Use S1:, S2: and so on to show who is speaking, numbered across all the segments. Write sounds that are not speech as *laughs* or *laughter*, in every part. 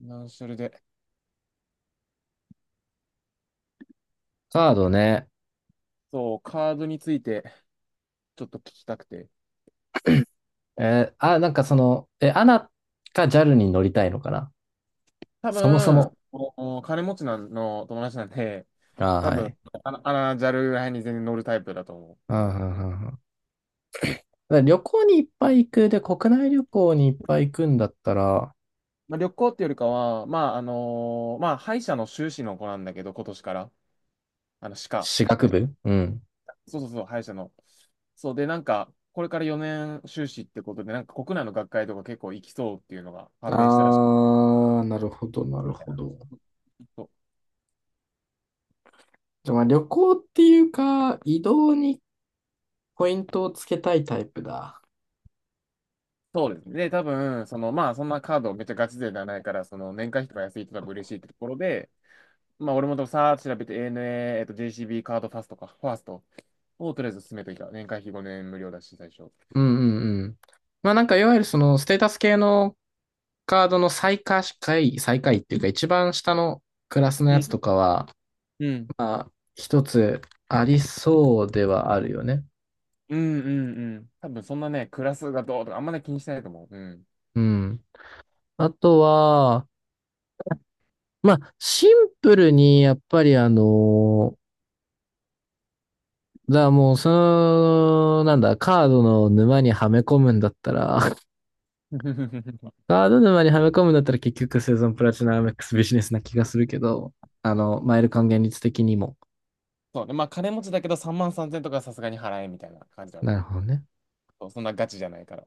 S1: な、それで、
S2: カードね。
S1: そう、カードについてちょっと聞きたくて。
S2: アナか JAL に乗りたいのかな
S1: 多
S2: そもそも。
S1: 分、お金持ちなんの友達なんで、
S2: あー、
S1: 多
S2: は
S1: 分、
S2: い。
S1: JAL らへんに全然乗るタイプだと思う。
S2: うんう
S1: う
S2: ん
S1: ん。
S2: うんうん。だから旅行にいっぱい行く。で、国内旅行にいっぱい行くんだったら、
S1: まあ、旅行っていうよりかは、まあ、まあ、歯医者の修士の子なんだけど、今年から、歯科、
S2: 私学
S1: はい、
S2: 部うん。
S1: そうそうそう、歯医者の。そうで、なんか、これから4年修士ってことで、なんか国内の学会とか結構行きそうっていうのが判明したらしい
S2: あー、なるほど、なる
S1: みたい
S2: ほ
S1: な。
S2: ど。
S1: そう。
S2: じゃあ、まあ旅行っていうか、移動にポイントをつけたいタイプだ。
S1: そうですね。で、多分、その、まあ、そんなカードめっちゃガチ勢ではないから、その、年会費とか安いと多分嬉しいってところで、まあ、俺もとさーっと調べて ANA、JCB カードファーストをとりあえず進めといた。年会費5年無料だし、最初。
S2: うんうんうん。まあなんかいわゆるそのステータス系のカードの最下位っていうか一番下のクラスの
S1: う
S2: や
S1: ん、
S2: つとかは、
S1: うん。
S2: まあ、一つありそうではあるよね。
S1: うんうんうん。多分そんなね、クラスがどうとかあんまり気にしてないと思う。うん。
S2: うん。あとは、まあ、シンプルに、やっぱりだからもう、その、なんだ、カードの沼にはめ込むんだったら、*laughs*
S1: *laughs*
S2: カード沼にはめ込むんだったら結局生存プラチナエムエックスビジネスな気がするけど、あの、マイル還元率的にも。
S1: そうね。まあ金持ちだけど3万3000とかさすがに払えみたいな感じだ。
S2: なるほどね。
S1: そう。そんなガチじゃないから。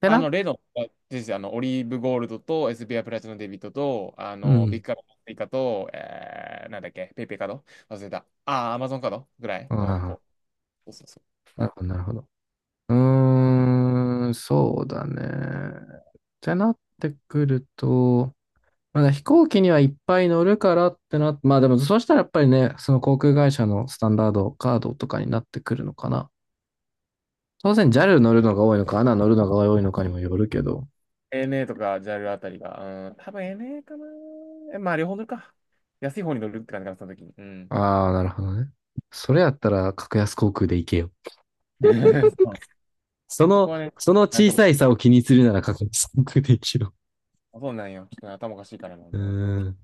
S2: ってな。
S1: レノンですよ。オリーブゴールドと、エスビーアイプラチナデビットと、
S2: う
S1: ビッ
S2: ん。
S1: グカードパイカと、なんだっけ、ペイペイカード忘れた。アマゾンカードぐらい
S2: う
S1: の
S2: ん。
S1: 子、こう。そうそう。
S2: なるほど、なるほど。うーん、そうだね。ってなってくると、まあ、飛行機にはいっぱい乗るからってなって、まあでもそうしたらやっぱりね、その航空会社のスタンダードカードとかになってくるのかな。当然 JAL 乗るのが多いのか、a n 乗るのが多いのかにもよるけど。
S1: ANA とか JAL あたりが、うん、多分 n a かな。まあ、両方乗るか。安い方に乗るって感じかな、その時に。うん。
S2: ああ、なるほどね。それやったら格安航空で行けよ。
S1: *laughs* そう。
S2: そ
S1: そこ
S2: の、
S1: はね、
S2: その
S1: なん
S2: 小
S1: とも、
S2: さい差を気にするなら格安航空で行けよ。
S1: そうなんよ。ちょっとね頭おかしいからな。
S2: *laughs* うーん、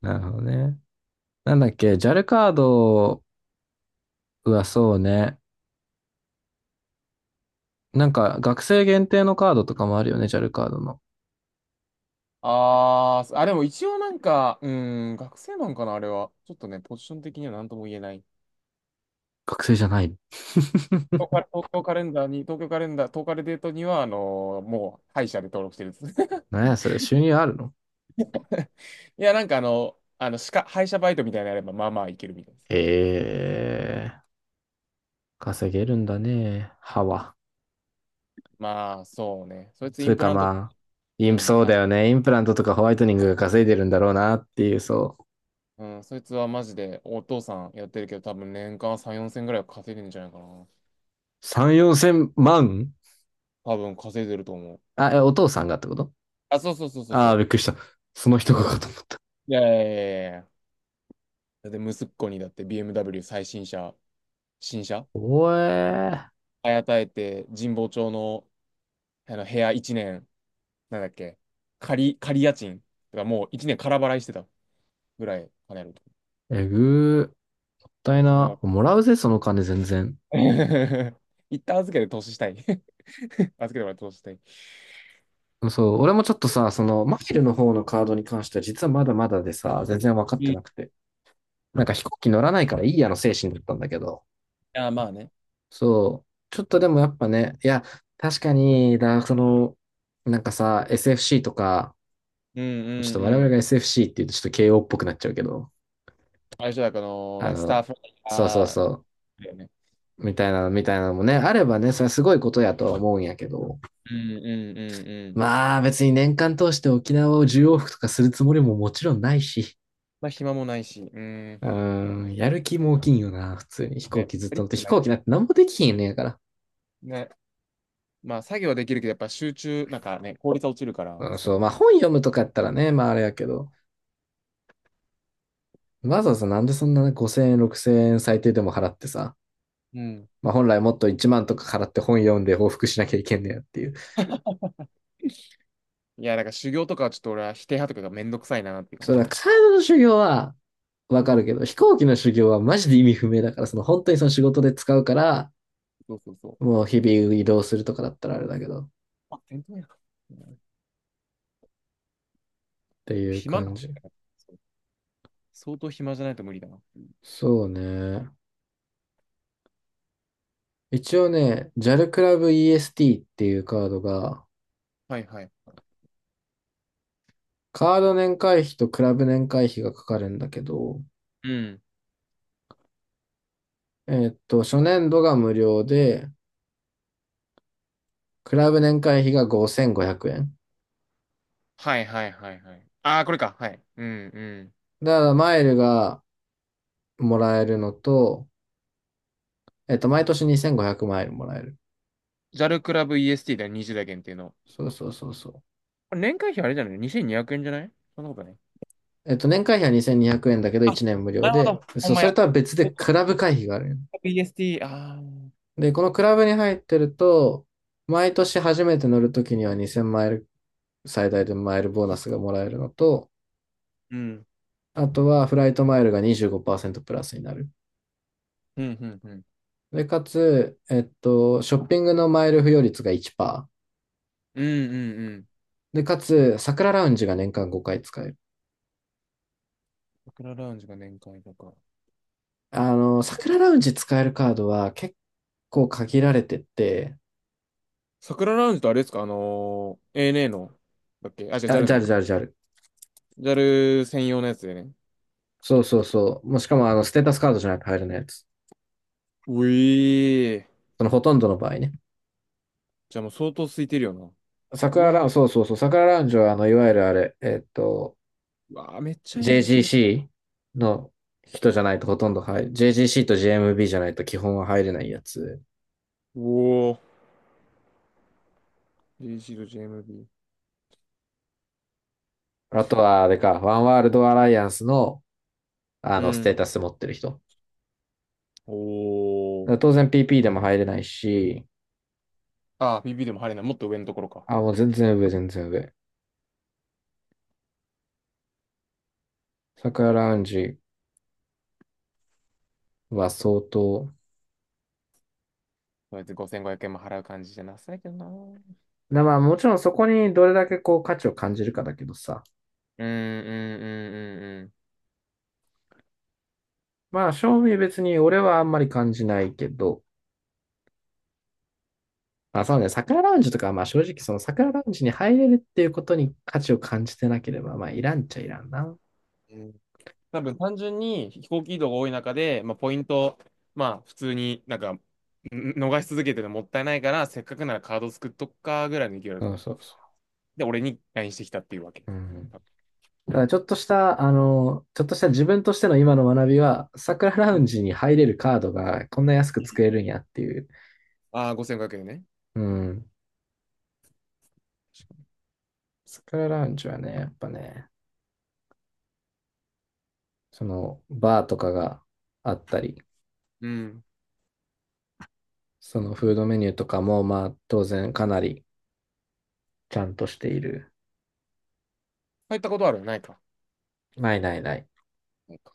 S2: なるほどね。なんだっけ、JAL カードはそうね。なんか学生限定のカードとかもあるよね、JAL カードの。
S1: ああ、でも一応なんか、うん、学生なんかな、あれは。ちょっとね、ポジション的には何とも言えない。
S2: 学生じゃない。 *laughs*
S1: 東京カレンダーに、東カレデートには、もう、歯医者で登録してるんです。
S2: なん
S1: *laughs*
S2: や、それ、収入あるの？
S1: いや、なんか歯医者バイトみたいなのやれば、まあまあいけるみたいです。
S2: ええー、稼げるんだね、歯は。
S1: まあ、そうね。そいつイ
S2: それ
S1: ンプ
S2: か
S1: ラント、
S2: まあ、
S1: う
S2: インプ、
S1: ん、
S2: そうだ
S1: あ、
S2: よね。インプラントとかホワイトニングが稼いでるんだろうなっていう、そう。
S1: うん、そいつはマジでお父さんやってるけど、多分年間3、4千ぐらいは稼いでるんじゃないかな。
S2: 3、4千万？
S1: 多分稼いでると思う。
S2: あ、えお父さんがってこと？
S1: あ、そうそうそうそう
S2: ああー、
S1: そ
S2: びっくりした。その
S1: う。
S2: 人
S1: う
S2: がか
S1: ん。
S2: と思った。
S1: いやいやいやいやいや。だって息子にだって BMW 最新車、新車、
S2: おえ
S1: あやたえて神保町の、あの部屋1年なんだっけ、仮家賃とかもう1年空払いしてたぐらい金あると。
S2: ー、えぐー。もった
S1: あ、
S2: い
S1: 金
S2: な。
S1: は。
S2: もらうぜ、その金全然。
S1: *laughs* 一旦預けて投資したい。*laughs* 預けてもらって投資したい。
S2: そう、俺もちょっとさ、その、マフィルの方のカードに関しては実はまだまだでさ、全然分かっ
S1: う
S2: て
S1: ん。
S2: なくて。なんか飛行機乗らないからいいやの精神だったんだけど、
S1: あ、まあね。
S2: そう。ちょっとでもやっぱね、いや、確かに、だ、その、なんかさ、SFC とか、
S1: うん
S2: ちょっ
S1: うん
S2: と我
S1: う
S2: 々
S1: ん。
S2: が SFC って言うとちょっと慶応っぽくなっちゃうけど、
S1: 最初だから、な
S2: あ
S1: んかスタッ
S2: の、
S1: フ
S2: そうそう
S1: あ
S2: そ
S1: だよね。
S2: う、みたいなのもね、あればね、それはすごいことやとは思うんやけど、
S1: うんうんうんうん。
S2: まあ別に年間通して沖縄を1往復とかするつもりももちろんないし、
S1: まあ、暇もないし、うん。
S2: うーん、やる気も大きいんよな、普通に。飛行
S1: ね、
S2: 機ずっ
S1: ト
S2: と
S1: リ
S2: 乗
S1: ッ
S2: って、
S1: ク
S2: 飛
S1: ない。
S2: 行機なんて何もできひんねんやから。
S1: ね。まあ、作業はできるけど、やっぱ集中、なんかね、効率は落ちるから、
S2: うん、そう、まあ
S1: そ
S2: 本読むとかやったらね、まああれやけど、わざわざなんでそんな5000円、6000円最低でも払ってさ、
S1: う。うん。
S2: まあ本来もっと1万とか払って本読んで報復しなきゃいけんねやっていう。
S1: いや、だから修行とかはちょっと俺は否定派とかがめんどくさいなっていう感
S2: そ
S1: じ
S2: れ
S1: か
S2: は
S1: な。
S2: カードの修行はわ
S1: う
S2: かるけど、
S1: ん。
S2: 飛行機の修行はマジで意味不明だから、その本当にその仕事で使うから、
S1: そうそうそう。
S2: もう日々移動するとかだったらあれだけど、っ
S1: あ、店頭やな。うん。
S2: ていう
S1: 暇
S2: 感
S1: だ。
S2: じ。
S1: そう。相当暇じゃないと無理だな。
S2: そうね。一応ね、JAL クラブ EST っていうカードが、
S1: はいはい。
S2: カード年会費とクラブ年会費がかかるんだけど、
S1: うん。
S2: 初年度が無料で、クラブ年会費が5500円。
S1: はいはいはいはい。ああ、これか。はい。うんうん。
S2: だから、マイルがもらえるのと、えっと、毎年2500マイルもらえる。
S1: ジャルクラブ EST だよ、20代限定の。
S2: そうそうそうそう。
S1: これ年会費あれじゃない ?2200 円じゃない？そんなことない。
S2: えっと、年会費は2200円だけど
S1: あ、
S2: 1年無料
S1: なるほ
S2: で、
S1: ど。ほ
S2: そ
S1: ん
S2: う、
S1: ま
S2: そ
S1: や。
S2: れ
S1: ち
S2: とは別で
S1: ょっと
S2: クラブ会費がある。
S1: EST、ああ、うん。
S2: で、このクラブに入ってると、毎年初めて乗るときには2000マイル、最大でマイルボーナスがもらえるのと、
S1: うん、
S2: あとはフライトマイルが25%プラスになる。
S1: うん、うん。
S2: で、かつ、えっと、ショッピングのマイル付与率が1%。
S1: うん、うん、うん。
S2: で、かつ、桜ラウンジが年間5回使える。
S1: 桜ラウンジが年会とか。
S2: あの、桜ラウンジ使えるカードは結構限られてて、
S1: 桜ラウンジとあれですかANA の、だっけ、あ、じゃあ j
S2: あ、
S1: a
S2: ジャル
S1: の
S2: ジャルジャル。
S1: ジャル専用のやつでね。
S2: そうそうそう。もうしかも、あの、ステータスカードじゃないと入らないやつ。
S1: うえー。
S2: そのほとんどの場合ね。
S1: じゃあもう相当空いてるよな。う
S2: 桜ラウ
S1: わ、
S2: ンジ、そうそうそう、桜ラウンジは、あの、いわゆるあれ、えっと、
S1: うわ、めっちゃええやんけ。
S2: JGC の人じゃないとほとんど入る。JGC と j m b じゃないと基本は入れないやつ。
S1: おお。JC と JMB。
S2: あとは、あれか、ワンワールドアライアンスの、あ
S1: う
S2: の、ステー
S1: ん。
S2: タス持ってる人。
S1: お
S2: だか
S1: お。
S2: ら当然 PP でも入れないし、
S1: ああ、ビでも入れない。もっと上のところか。
S2: あ、もう全然上、全然上。桜ラウンジは相当。
S1: そうやって5500円も払う感じじゃなさいけどな。うん
S2: な、まあもちろんそこにどれだけこう価値を感じるかだけどさ。
S1: うんうん
S2: まあ正味別に俺はあんまり感じないけど。まあ、そうね。桜ラウンジとかはまあ正直その桜ラウンジに入れるっていうことに価値を感じてなければまあいらんっちゃいらんな。
S1: うんうん。うん。多分単純に飛行機移動が多い中で、まあ、ポイント、まあ普通になんかん逃し続けてるのもったいないから、せっかくならカード作っとくかぐらいの勢いだと
S2: そう
S1: 思う。
S2: そうそ
S1: で、俺に LINE してきたっていうわけ。
S2: う。うん。ただちょっとした、あの、ちょっとした自分としての今の学びは、桜ラウンジに入れるカードがこんな安く作れるんやっていう。
S1: ああ、5500円ね。
S2: うん。
S1: 確か
S2: 桜ラウンジはね、やっぱね、そのバーとかがあったり、
S1: に。うん。
S2: そのフードメニューとかもまあ当然かなりちゃんとしている。
S1: 入ったことあるないか。
S2: ないないない。
S1: ないか。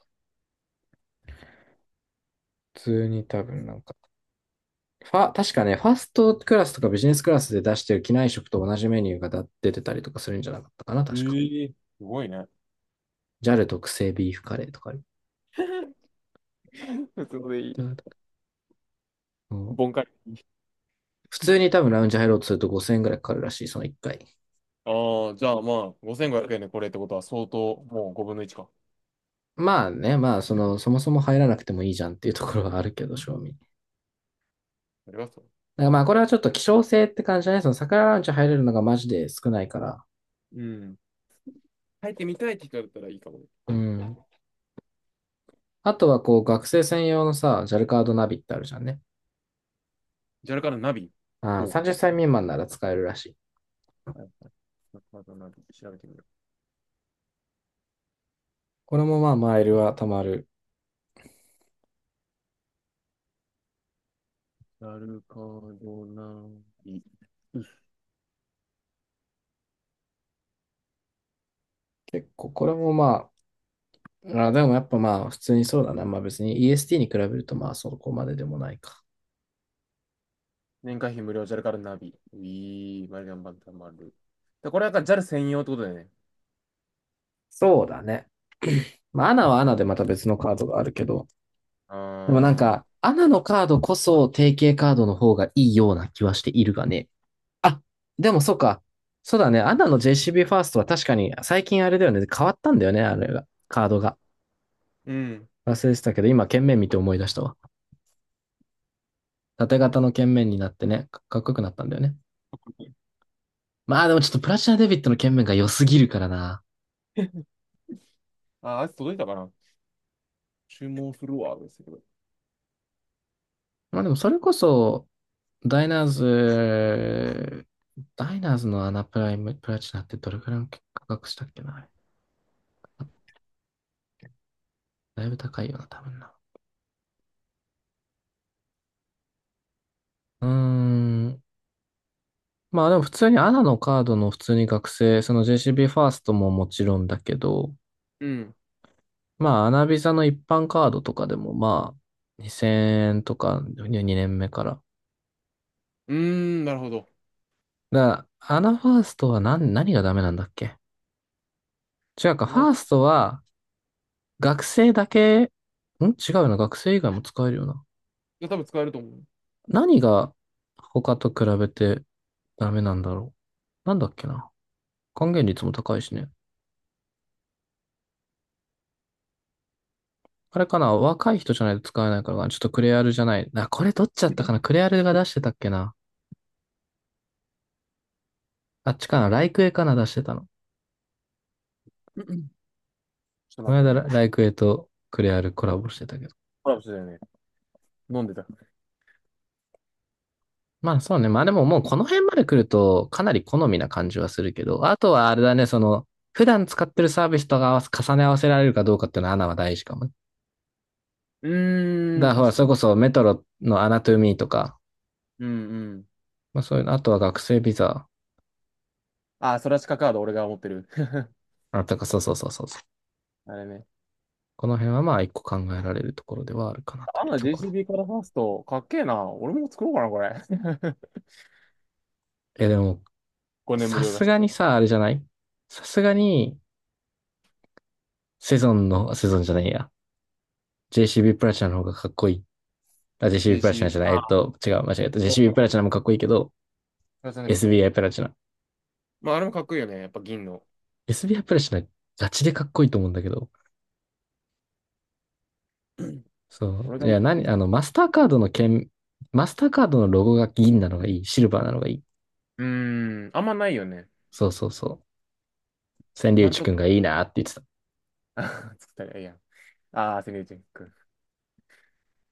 S2: 普通に多分なんか、ファ、確かね、ファーストクラスとかビジネスクラスで出してる機内食と同じメニューがだ出てたりとかするんじゃなかったかな、確か。
S1: ええ、すごいね。
S2: JAL 特製ビーフカレーとかある。
S1: *laughs* 普通のでいい。ボンカリ。
S2: 普通に多分ラウンジ入ろうとすると5000円ぐらいかかるらしい、その1回。
S1: ああ、じゃあまあ、5500円でこれってことは相当、もう5分の1か。
S2: まあね、まあその、そもそも入らなくてもいいじゃんっていうところはあるけど、正味。
S1: ありがと
S2: だからまあこれはちょっと希少性って感じだね。その桜ランチ入れるのがマジで少ないから。
S1: う。うん。入ってみたいって聞かれたらいいかもね。
S2: うん。あとはこう学生専用のさ、JAL カードナビってあるじゃんね。
S1: ジャルカのナビ。
S2: ああ、
S1: ほ
S2: 30歳未満なら使えるらしい。
S1: う。はいはい。ジャルカのナビ、調べてみよう。
S2: これもまあマイルは貯まる。
S1: ジャルカのナビ。
S2: 結構これもまあ、あでもやっぱまあ普通にそうだな。まあ別に EST に比べるとまあそこまででもないか。
S1: 年会費無料、ジャルカのナビ。ういー、マリガンバンタマル。で、これはなんか JAL 専用ってことだよね。
S2: そうだね。まあアナはアナでまた別のカードがあるけど、
S1: あ
S2: でもなん
S1: ー、
S2: か、アナのカードこそ定型カードの方がいいような気はしているがね。あ、でもそうか。そうだね。アナの JCB ファーストは確かに最近あれだよね。変わったんだよね、あれが。カードが。
S1: うん。
S2: 忘れてたけど、今、剣面見て思い出したわ。縦型の剣面になってね、かかっこよくなったんだよね。まあでもちょっとプラチナデビットの剣面が良すぎるからな。
S1: *laughs* あ、あいつ届いたかな。注文するわ、ですけど。
S2: まあでもそれこそ、ダイナーズ、ダイナーズのアナプライム、プラチナってどれくらいの価格したっけな、あれ。だいぶ高いよな、多分な。うーん、まあでも普通にアナのカードの普通に学生、その JCB ファーストももちろんだけど、
S1: うん。
S2: まあアナビザの一般カードとかでもまあ2000円とか2年目から。
S1: うーん、なるほど。
S2: だからアナファーストは何、何がダメなんだっけ。違うか、ファ
S1: 7
S2: ーストは学生だけ、ん違うな、学生以外も使えるよな。
S1: じゃ多分使えると思う。
S2: 何が他と比べてダメなんだろう。なんだっけな。還元率も高いしね。あれかな、若い人じゃないと使えないからかな。ちょっとクレアルじゃない。あ、これどっちだったかな、クレアルが出してたっけな。あっちかなライクエかな出してたの。
S1: うんうん。ちょっと
S2: こ
S1: 待
S2: の
S1: って
S2: 間ラ
S1: ね。
S2: ライクエとクレアルコラボしてたけど。
S1: コラボしてたよね。飲んでた。
S2: まあそうね。まあでももうこの辺まで来るとかなり好みな感じはするけど。あとはあれだね、その、普段使ってるサービスと合わせ、重ね合わせられるかどうかっていうのはアナは大事かもね。
S1: うー
S2: だ
S1: ん、
S2: からほら、
S1: 確
S2: そ
S1: か
S2: れ
S1: に。
S2: こそメトロのアナトゥミーとか、
S1: うんうん。
S2: まあそういうの、あとは学生ビザ、
S1: あ、それはカード俺が持ってる。*laughs*
S2: あとか、そうそうそうそうそう。
S1: あれね。
S2: この辺はまあ一個考えられるところではあるかなとい
S1: あ
S2: う
S1: の
S2: ところ。
S1: JCB からファースト、かっけえな。俺も作ろうかな、これ。*laughs*
S2: え、でも
S1: 5年無
S2: さ
S1: 料だ
S2: す
S1: し。
S2: がにさ、あれじゃない？さすがに、セゾンの、セゾンじゃないや。JCB プラチナの方がかっこいい。あ、JCB プラチナ
S1: JCB、
S2: じゃない。えっと、違う、間違えた。JCB プラチ
S1: プ
S2: ナもかっこいいけど、
S1: ラスナビット。
S2: SBI プラチナ。
S1: まあ、あれもかっこいいよね。やっぱ銀の。
S2: SBI プラチナ、ガチでかっこいいと思うんだけど。
S1: *clears throat*
S2: そ
S1: 俺
S2: う。
S1: が、
S2: い
S1: う
S2: や、何、あの、マスターカードの剣、マスターカードのロゴが銀なのがいい。シルバーなのがいい。
S1: ーん、あんまないよね。
S2: そうそうそう。千里
S1: 今ん
S2: 内
S1: と
S2: く
S1: こ、
S2: んがいいなって言って
S1: *laughs* 作ったらええやん。ああ、セミュージック。